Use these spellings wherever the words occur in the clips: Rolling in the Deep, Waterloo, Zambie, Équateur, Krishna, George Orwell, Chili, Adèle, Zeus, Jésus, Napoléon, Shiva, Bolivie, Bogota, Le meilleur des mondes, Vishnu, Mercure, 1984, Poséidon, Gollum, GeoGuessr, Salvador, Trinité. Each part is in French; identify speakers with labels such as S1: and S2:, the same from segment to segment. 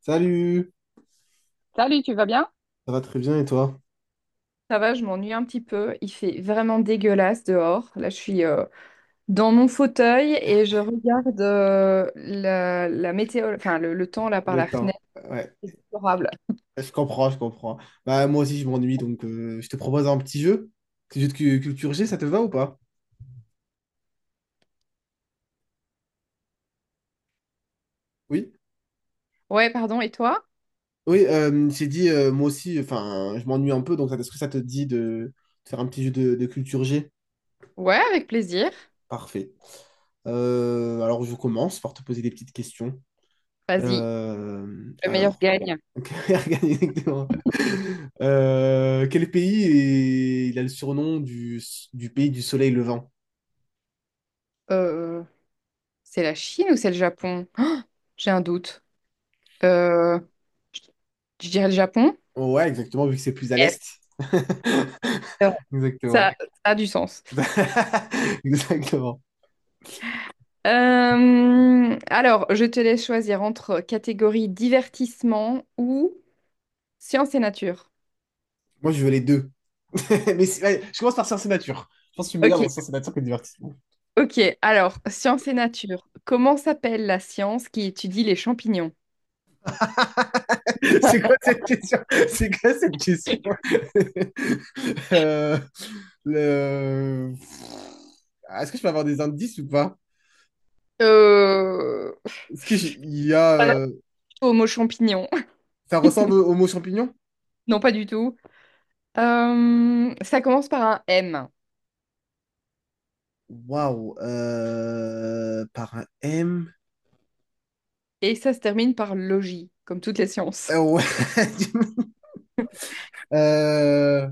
S1: Salut,
S2: Salut, tu vas bien?
S1: ça va très bien et toi?
S2: Ça va, je m'ennuie un petit peu. Il fait vraiment dégueulasse dehors. Là, je suis dans mon fauteuil et je regarde la météo, enfin le temps là par la
S1: Le temps.
S2: fenêtre.
S1: Ouais.
S2: C'est déplorable.
S1: Je comprends, je comprends. Moi aussi je m'ennuie donc je te propose un petit jeu. Petit jeu de culture G, ça te va ou pas? Oui,
S2: Ouais, pardon. Et toi?
S1: oui, j'ai dit moi aussi, je m'ennuie un peu donc est-ce que ça te dit de faire un petit jeu de culture G?
S2: Ouais, avec plaisir.
S1: Parfait. Alors je commence par te poser des petites questions.
S2: Vas-y,
S1: Euh,
S2: le meilleur
S1: alors,
S2: gagne.
S1: exactement. Quel pays il a le surnom du pays du soleil levant?
S2: Euh, c'est la Chine ou c'est le Japon? J'ai un doute. Euh, je dirais le Japon.
S1: Ouais, exactement, vu que c'est plus à
S2: Yes.
S1: l'est.
S2: Ça,
S1: Exactement.
S2: ça a du sens.
S1: Exactement.
S2: Alors, je te laisse choisir entre catégorie divertissement ou science et nature.
S1: Moi, je veux les deux. Mais ouais, je commence par science et nature. Je pense que je suis meilleur
S2: Ok,
S1: dans science et nature que divertissement.
S2: ok. Alors, science et nature. Comment s'appelle la science qui étudie les champignons?
S1: C'est quoi cette question? C'est quoi cette question? Euh, le... Ah, est-ce que je peux avoir des indices ou pas?
S2: Euh...
S1: Est-ce que j'ai- il y a...
S2: Pas du tout au mot champignon.
S1: Ça ressemble au mot champignon?
S2: Non, pas du tout. Ça commence par un M
S1: Waouh. Par un M.
S2: et ça se termine par logis, comme toutes les sciences.
S1: Euh, ouais. Euh,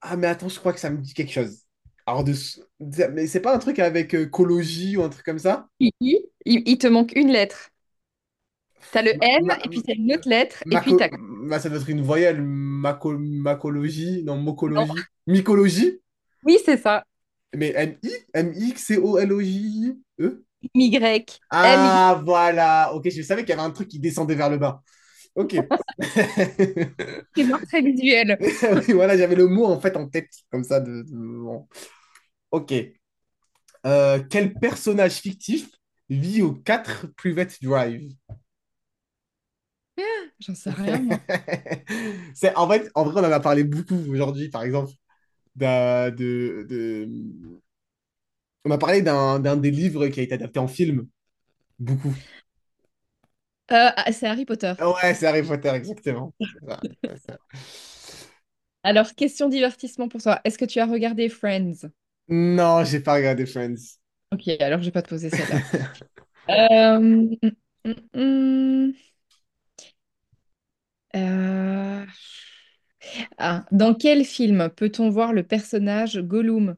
S1: ah, mais attends, je crois que ça me dit quelque chose. Alors, de... mais c'est pas un truc avec cologie ou un truc comme ça?
S2: I, I, il te manque une lettre. T'as le
S1: Ma...
S2: M et
S1: ma-
S2: puis t'as une autre lettre et puis t'as...
S1: ça doit être une voyelle. Macologie? Non,
S2: Non.
S1: mocologie. Mycologie?
S2: Oui, c'est ça.
S1: Mais M-I? M-I-C-O-L-O-J-I-E?
S2: Y, M Y.
S1: Ah, voilà. Ok, je savais qu'il y avait un truc qui descendait vers le bas. Ok.
S2: C'est moi très visuel.
S1: Oui, voilà, j'avais le mot en fait en tête, comme ça. Bon. Ok. Quel personnage fictif vit aux 4 Private Drive?
S2: J'en sais rien, moi.
S1: C'est, en fait, en vrai, on en a parlé beaucoup aujourd'hui, par exemple. d'un- de, de- On a parlé d'un des livres qui a été adapté en film, beaucoup.
S2: C'est Harry Potter.
S1: Ouais, c'est Harry Potter, exactement. Voilà.
S2: Alors, question divertissement pour toi. Est-ce que tu as regardé Friends?
S1: Non, j'ai pas regardé Friends.
S2: Ok, alors je vais pas te poser celle-là. Euh, mm, mm, mm. mm. Euh, dans quel film peut-on voir le personnage Gollum?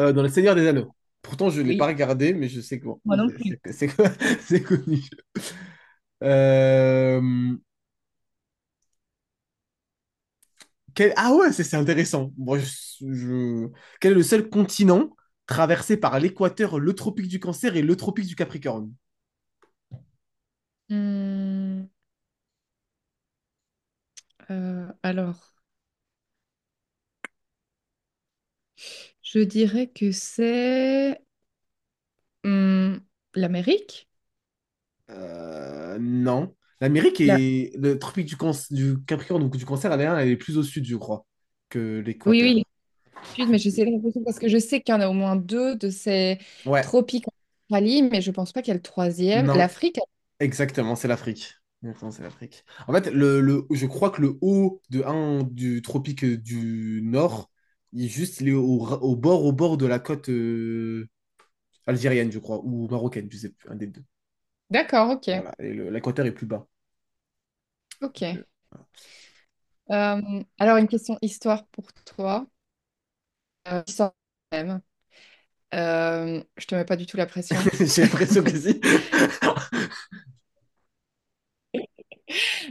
S1: Dans Le Seigneur des Anneaux. Pourtant, je l'ai pas
S2: Oui,
S1: regardé, mais je sais que bon,
S2: moi non plus.
S1: c'est connu. Euh, Ah ouais, c'est intéressant. Je- Quel est le seul continent traversé par l'équateur, le tropique du Cancer et le tropique du Capricorne?
S2: Hmm, alors, je dirais que c'est hmm, l'Amérique.
S1: Non. L'Amérique
S2: La-
S1: est... Le tropique du Capricorne, donc du Cancer, elle est plus au sud, je crois, que
S2: Oui, oui,
S1: l'équateur.
S2: Sud, mais je sais l'impression parce que je sais qu'il y en a au moins deux de ces
S1: Ouais,
S2: tropiques en Australie, mais je pense pas qu'il y a le troisième.
S1: non.
S2: L'Afrique,
S1: Exactement, c'est l'Afrique. Exactement, c'est l'Afrique. En fait, je crois que le haut de un du tropique du Nord, il est au bord de la côte algérienne, je crois, ou marocaine, je sais plus, un des deux.
S2: d'accord, ok,
S1: Voilà, et l'équateur est plus bas.
S2: ok. Alors une question histoire pour toi, histoire même. Je te mets pas du tout la pression.
S1: J'ai l'impression que si.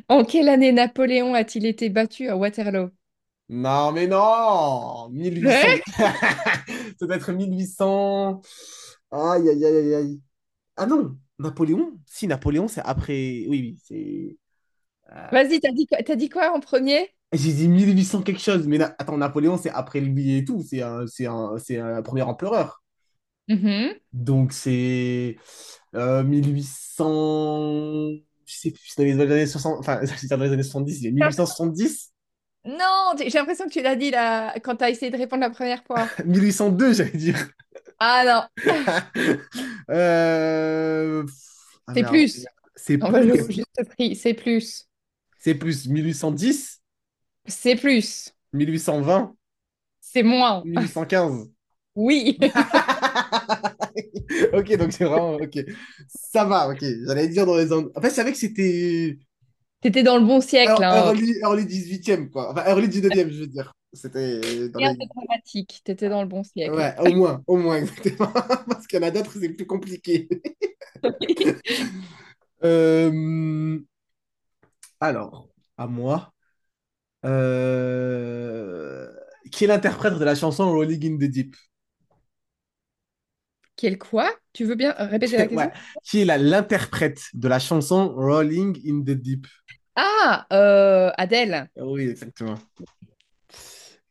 S2: En quelle année Napoléon a-t-il été battu à Waterloo?
S1: Non, mais non! 1800.
S2: Ouais.
S1: Ça doit être 1800. Aïe, aïe, aïe, aïe. Aïe. Ah non, Napoléon? Si, Napoléon, c'est après. Oui, oui, c'est.
S2: Vas-y, t'as dit quoi en premier?
S1: J'ai dit 1800 quelque chose, mais attends, Napoléon, c'est après lui et tout, c'est un premier empereur.
S2: Mhm.
S1: Donc c'est 1800, je sais plus, c'est dans les années 60, c'est dans les années 70, il y a 1870,
S2: Non, j'ai l'impression que tu l'as dit là quand t'as essayé de répondre la première fois.
S1: 1802, j'allais dire.
S2: Ah non,
S1: Euh, pff, Ah
S2: c'est
S1: merde,
S2: plus.
S1: c'est
S2: On va jouer
S1: plus,
S2: juste prix, c'est plus.
S1: c'est plus, 1810,
S2: C'est plus,
S1: 1820,
S2: c'est moins.
S1: 1815.
S2: Oui,
S1: ok, donc c'est vraiment. Ok. Ça va, ok. J'allais dire dans les angles. En fait, je savais que c'était
S2: t'étais dans le bon siècle, hein.
S1: early 18e, quoi. Enfin, early 19e, je veux dire. C'était dans
S2: Rien
S1: les.
S2: de dramatique, t'étais dans le bon siècle.
S1: Ouais, au moins, exactement. Parce qu'il y en a d'autres, c'est plus compliqué. Euh, Alors, à moi. Euh, Qui est l'interprète de la chanson Rolling in the Deep?
S2: Quel quoi? Tu veux bien répéter la
S1: Ouais.
S2: question?
S1: Qui est l'interprète de la chanson Rolling in the Deep?
S2: Ah, Adèle.
S1: Oui, exactement.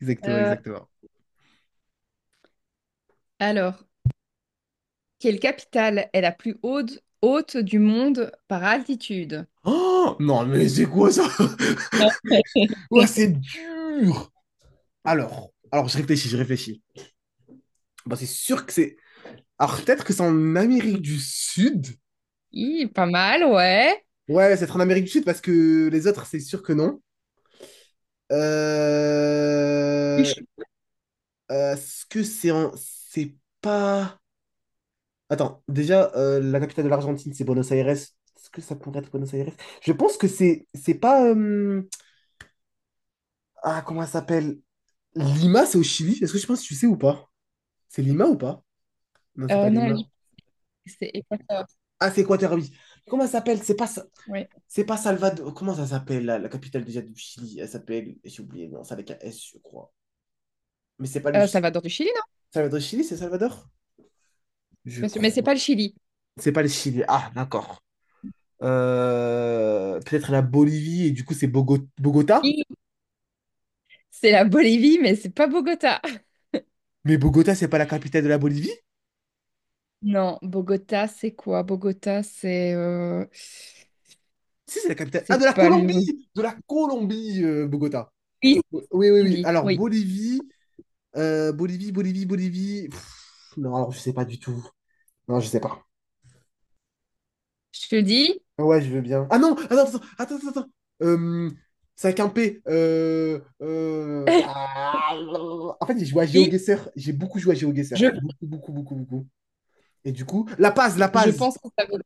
S1: Exactement,
S2: Euh,
S1: exactement.
S2: alors, quelle capitale est la plus haute, haute du monde par altitude?
S1: Oh, non, mais c'est quoi ça? Ouais, c'est dur! Alors, je réfléchis, je réfléchis. Bah, c'est sûr que c'est. Alors, peut-être que c'est en Amérique du Sud.
S2: Hi, pas mal, ouais.
S1: Ouais, c'est en Amérique du Sud parce que les autres, c'est sûr que non. Euh...
S2: Ichi-
S1: Est-ce que c'est en. C'est pas. Attends, déjà, la capitale de l'Argentine, c'est Buenos Aires. Est-ce que ça pourrait être Buenos Aires? Je pense que c'est pas. Ah, comment ça s'appelle? Lima, c'est au Chili. Est-ce que je pense que tu sais ou pas? C'est Lima ou pas? Non, c'est pas
S2: Non,
S1: Lima.
S2: c'est Équateur.
S1: Ah, c'est Quaterby. Comment ça s'appelle?
S2: Ouais.
S1: C'est pas Salvador. Comment ça s'appelle, la capitale déjà du Chili? Elle s'appelle, j'ai oublié, non, c'est avec un S, je crois. Mais c'est pas le Chili.
S2: Salvador du Chili, non?
S1: Salvador Chili, c'est Salvador?
S2: Je suis
S1: Je
S2: pas sûre. Mais c'est
S1: crois.
S2: pas le Chili.
S1: C'est pas le Chili. Ah, d'accord. Peut-être la Bolivie, et du coup, c'est Bogota?
S2: Hi, c'est la Bolivie, mais c'est pas Bogota.
S1: Mais Bogota, c'est pas la capitale de la Bolivie?
S2: Non, Bogota, c'est quoi? Bogota,
S1: Si, c'est la capitale. Ah, de
S2: c'est
S1: la
S2: pas l'Uruguay.
S1: Colombie! De la Colombie, Bogota.
S2: Oui,
S1: Oui, oui, oui.
S2: Zambie.
S1: Alors,
S2: Oui,
S1: Bolivie, Bolivie. Pff, non, alors, je sais pas du tout. Non, je sais pas.
S2: je te dis,
S1: Ouais, je veux bien. Ah non, attends, attends, attends, Euh, c'est avec un P. En fait, j'ai joué à
S2: oui,
S1: GeoGuessr. J'ai beaucoup joué à GeoGuessr.
S2: je,
S1: Beaucoup, beaucoup, beaucoup, beaucoup. Et du coup, La Paz, La
S2: je
S1: Paz.
S2: pense que ça vaut.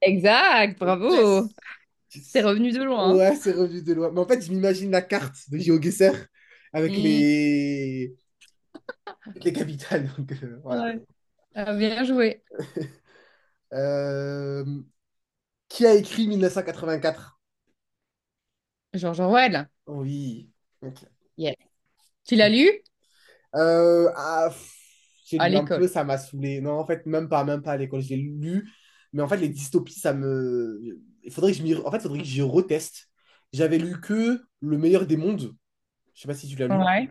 S2: Exact, bravo.
S1: Yes!
S2: C'est
S1: Yes.
S2: revenu de loin.
S1: Ouais, c'est revenu de loin. Mais en fait, je m'imagine la carte de GeoGuessr avec
S2: Hein.
S1: les... avec les capitales. Donc,
S2: Mm,
S1: voilà.
S2: ouais. Ah, bien joué.
S1: Euh, Qui a écrit 1984?
S2: George Orwell.
S1: Oui. Ok.
S2: Yes. Tu l'as lu?
S1: Euh, ah, pff, j'ai
S2: À
S1: lu un peu,
S2: l'école.
S1: ça m'a saoulé. Non, en fait, même pas à l'école. J'ai lu, mais en fait, les dystopies, ça me. Il faudrait que je m'y... En fait, faudrait que j'y reteste. J'avais lu que Le meilleur des mondes. Je sais pas si tu l'as lu.
S2: Ouais.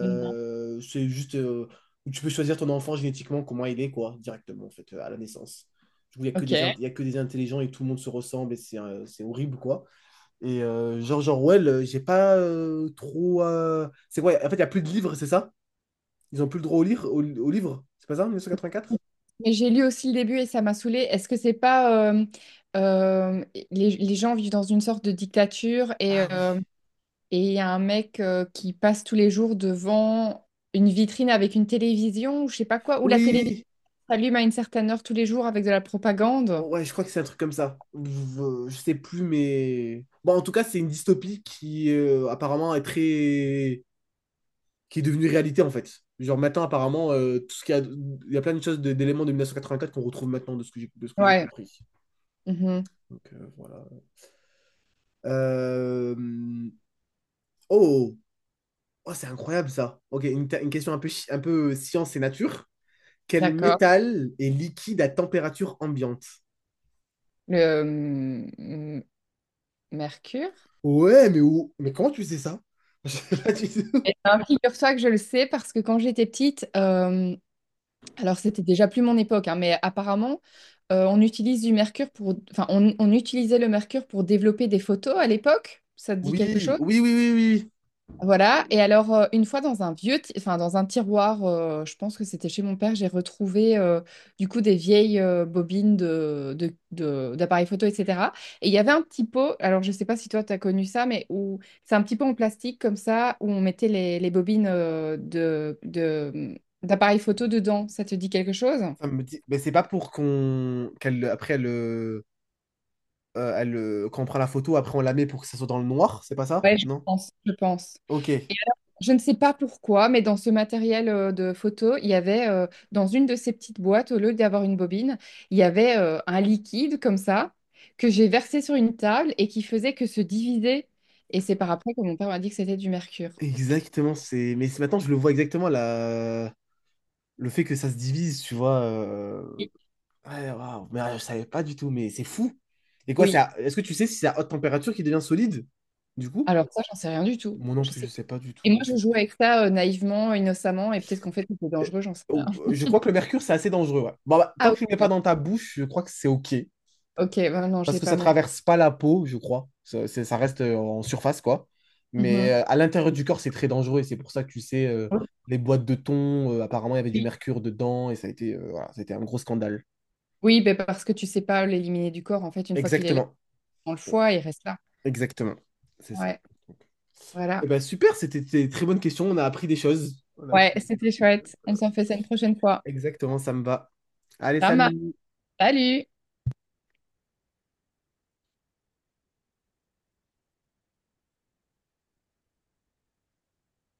S2: Mm.
S1: C'est juste où tu peux choisir ton enfant génétiquement, comment il est, quoi, directement, en fait, à la naissance. Du coup, il n'y a que des,
S2: Ok.
S1: il y a que des intelligents et tout le monde se ressemble et c'est horrible, quoi. Et George Orwell, j'ai pas trop. C'est quoi? En fait, il n'y a plus de livres, c'est ça? Ils ont plus le droit lire, au livre. C'est pas ça, en 1984?
S2: Mais j'ai lu aussi le début et ça m'a saoulée. Est-ce que c'est pas euh, les, gens vivent dans une sorte de dictature et
S1: Ah oui.
S2: euh, et il y a un mec qui passe tous les jours devant une vitrine avec une télévision ou je sais pas quoi, où la télévision
S1: Oui,
S2: s'allume à une certaine heure tous les jours avec de la propagande.
S1: ouais, je crois que c'est un truc comme ça. Je sais plus, mais... Bon, en tout cas, c'est une dystopie qui apparemment est très... qui est devenue réalité, en fait. Genre maintenant, apparemment, tout ce qu'il y a... il y a plein de choses d'éléments de 1984 qu'on retrouve maintenant de ce que j'ai de ce que j'ai
S2: Ouais.
S1: compris.
S2: Mhm.
S1: Donc voilà. Euh, Oh, oh c'est incroyable ça. Ok, une question un peu, un peu science et nature. Quel
S2: D'accord.
S1: métal est liquide à température ambiante?
S2: Le mm, Mercure.
S1: Ouais, mais où... Mais comment tu sais ça? Je sais pas du tout.
S2: Eh ben, figure-toi que je le sais parce que quand j'étais petite, alors c'était déjà plus mon époque, hein, mais apparemment, on utilise du mercure pour, enfin, on utilisait le mercure pour développer des photos à l'époque. Ça te dit
S1: Oui,
S2: quelque chose?
S1: oui, oui, oui, oui.
S2: Voilà, et alors une fois dans un vieux, enfin dans un tiroir, je pense que c'était chez mon père, j'ai retrouvé du coup des vieilles bobines d'appareils photo, etc. Et il y avait un petit pot, alors je sais pas si toi tu as connu ça, mais où c'est un petit pot en plastique comme ça, où on mettait les bobines d'appareils photo dedans, ça te dit quelque chose?
S1: Ça me dit... Mais c'est pas pour qu'on... qu'elle, après, elle, elle, quand on prend la photo, après, on la met pour que ça soit dans le noir, c'est pas ça?
S2: Ouais,
S1: Non?
S2: je pense.
S1: Ok.
S2: Et alors, je ne sais pas pourquoi, mais dans ce matériel de photo, il y avait, dans une de ces petites boîtes, au lieu d'avoir une bobine, il y avait un liquide comme ça, que j'ai versé sur une table et qui faisait que se diviser. Et c'est par après que mon père m'a dit que c'était du mercure.
S1: Exactement, c'est... Mais maintenant, je le vois exactement, le fait que ça se divise, tu vois.
S2: Oui,
S1: Ouais, waouh, mais je savais pas du tout, mais c'est fou. Et quoi,
S2: oui.
S1: est-ce que tu sais si c'est à haute température qui devient solide, du coup?
S2: Alors ça, j'en sais rien du tout.
S1: Moi non
S2: Je
S1: plus, je
S2: sais pas.
S1: sais pas du
S2: Et moi,
S1: tout.
S2: je joue avec ça naïvement, innocemment, et peut-être qu'en fait, c'était
S1: Euh,
S2: dangereux, j'en sais rien.
S1: oh, Je crois que le mercure, c'est assez dangereux. Ouais. Bon, bah,
S2: Ah
S1: tant
S2: oui,
S1: que tu ne le mets pas
S2: d'accord.
S1: dans ta bouche, je crois que c'est OK.
S2: Ok, ben non, je
S1: Parce
S2: l'ai
S1: que
S2: pas
S1: ça
S2: mangé.
S1: traverse pas la peau, je crois. Ça, ça reste en surface, quoi. Mais
S2: Mhm.
S1: à l'intérieur du corps, c'est très dangereux. Et c'est pour ça que tu sais, les boîtes de thon, apparemment, il y avait du mercure dedans. Et ça a été, voilà, ça a été un gros scandale.
S2: Oui, ben, parce que tu sais pas l'éliminer du corps. En fait, une fois qu'il est là,
S1: Exactement.
S2: dans le foie, il reste là.
S1: Exactement. C'est ça.
S2: Ouais, voilà.
S1: Eh ben, super, c'était des très bonnes questions. On a appris des choses. On a
S2: Ouais,
S1: appris-
S2: c'était chouette. On s'en fait ça une prochaine fois.
S1: Exactement, ça me va. Allez,
S2: Ça marche.
S1: salut!
S2: Salut!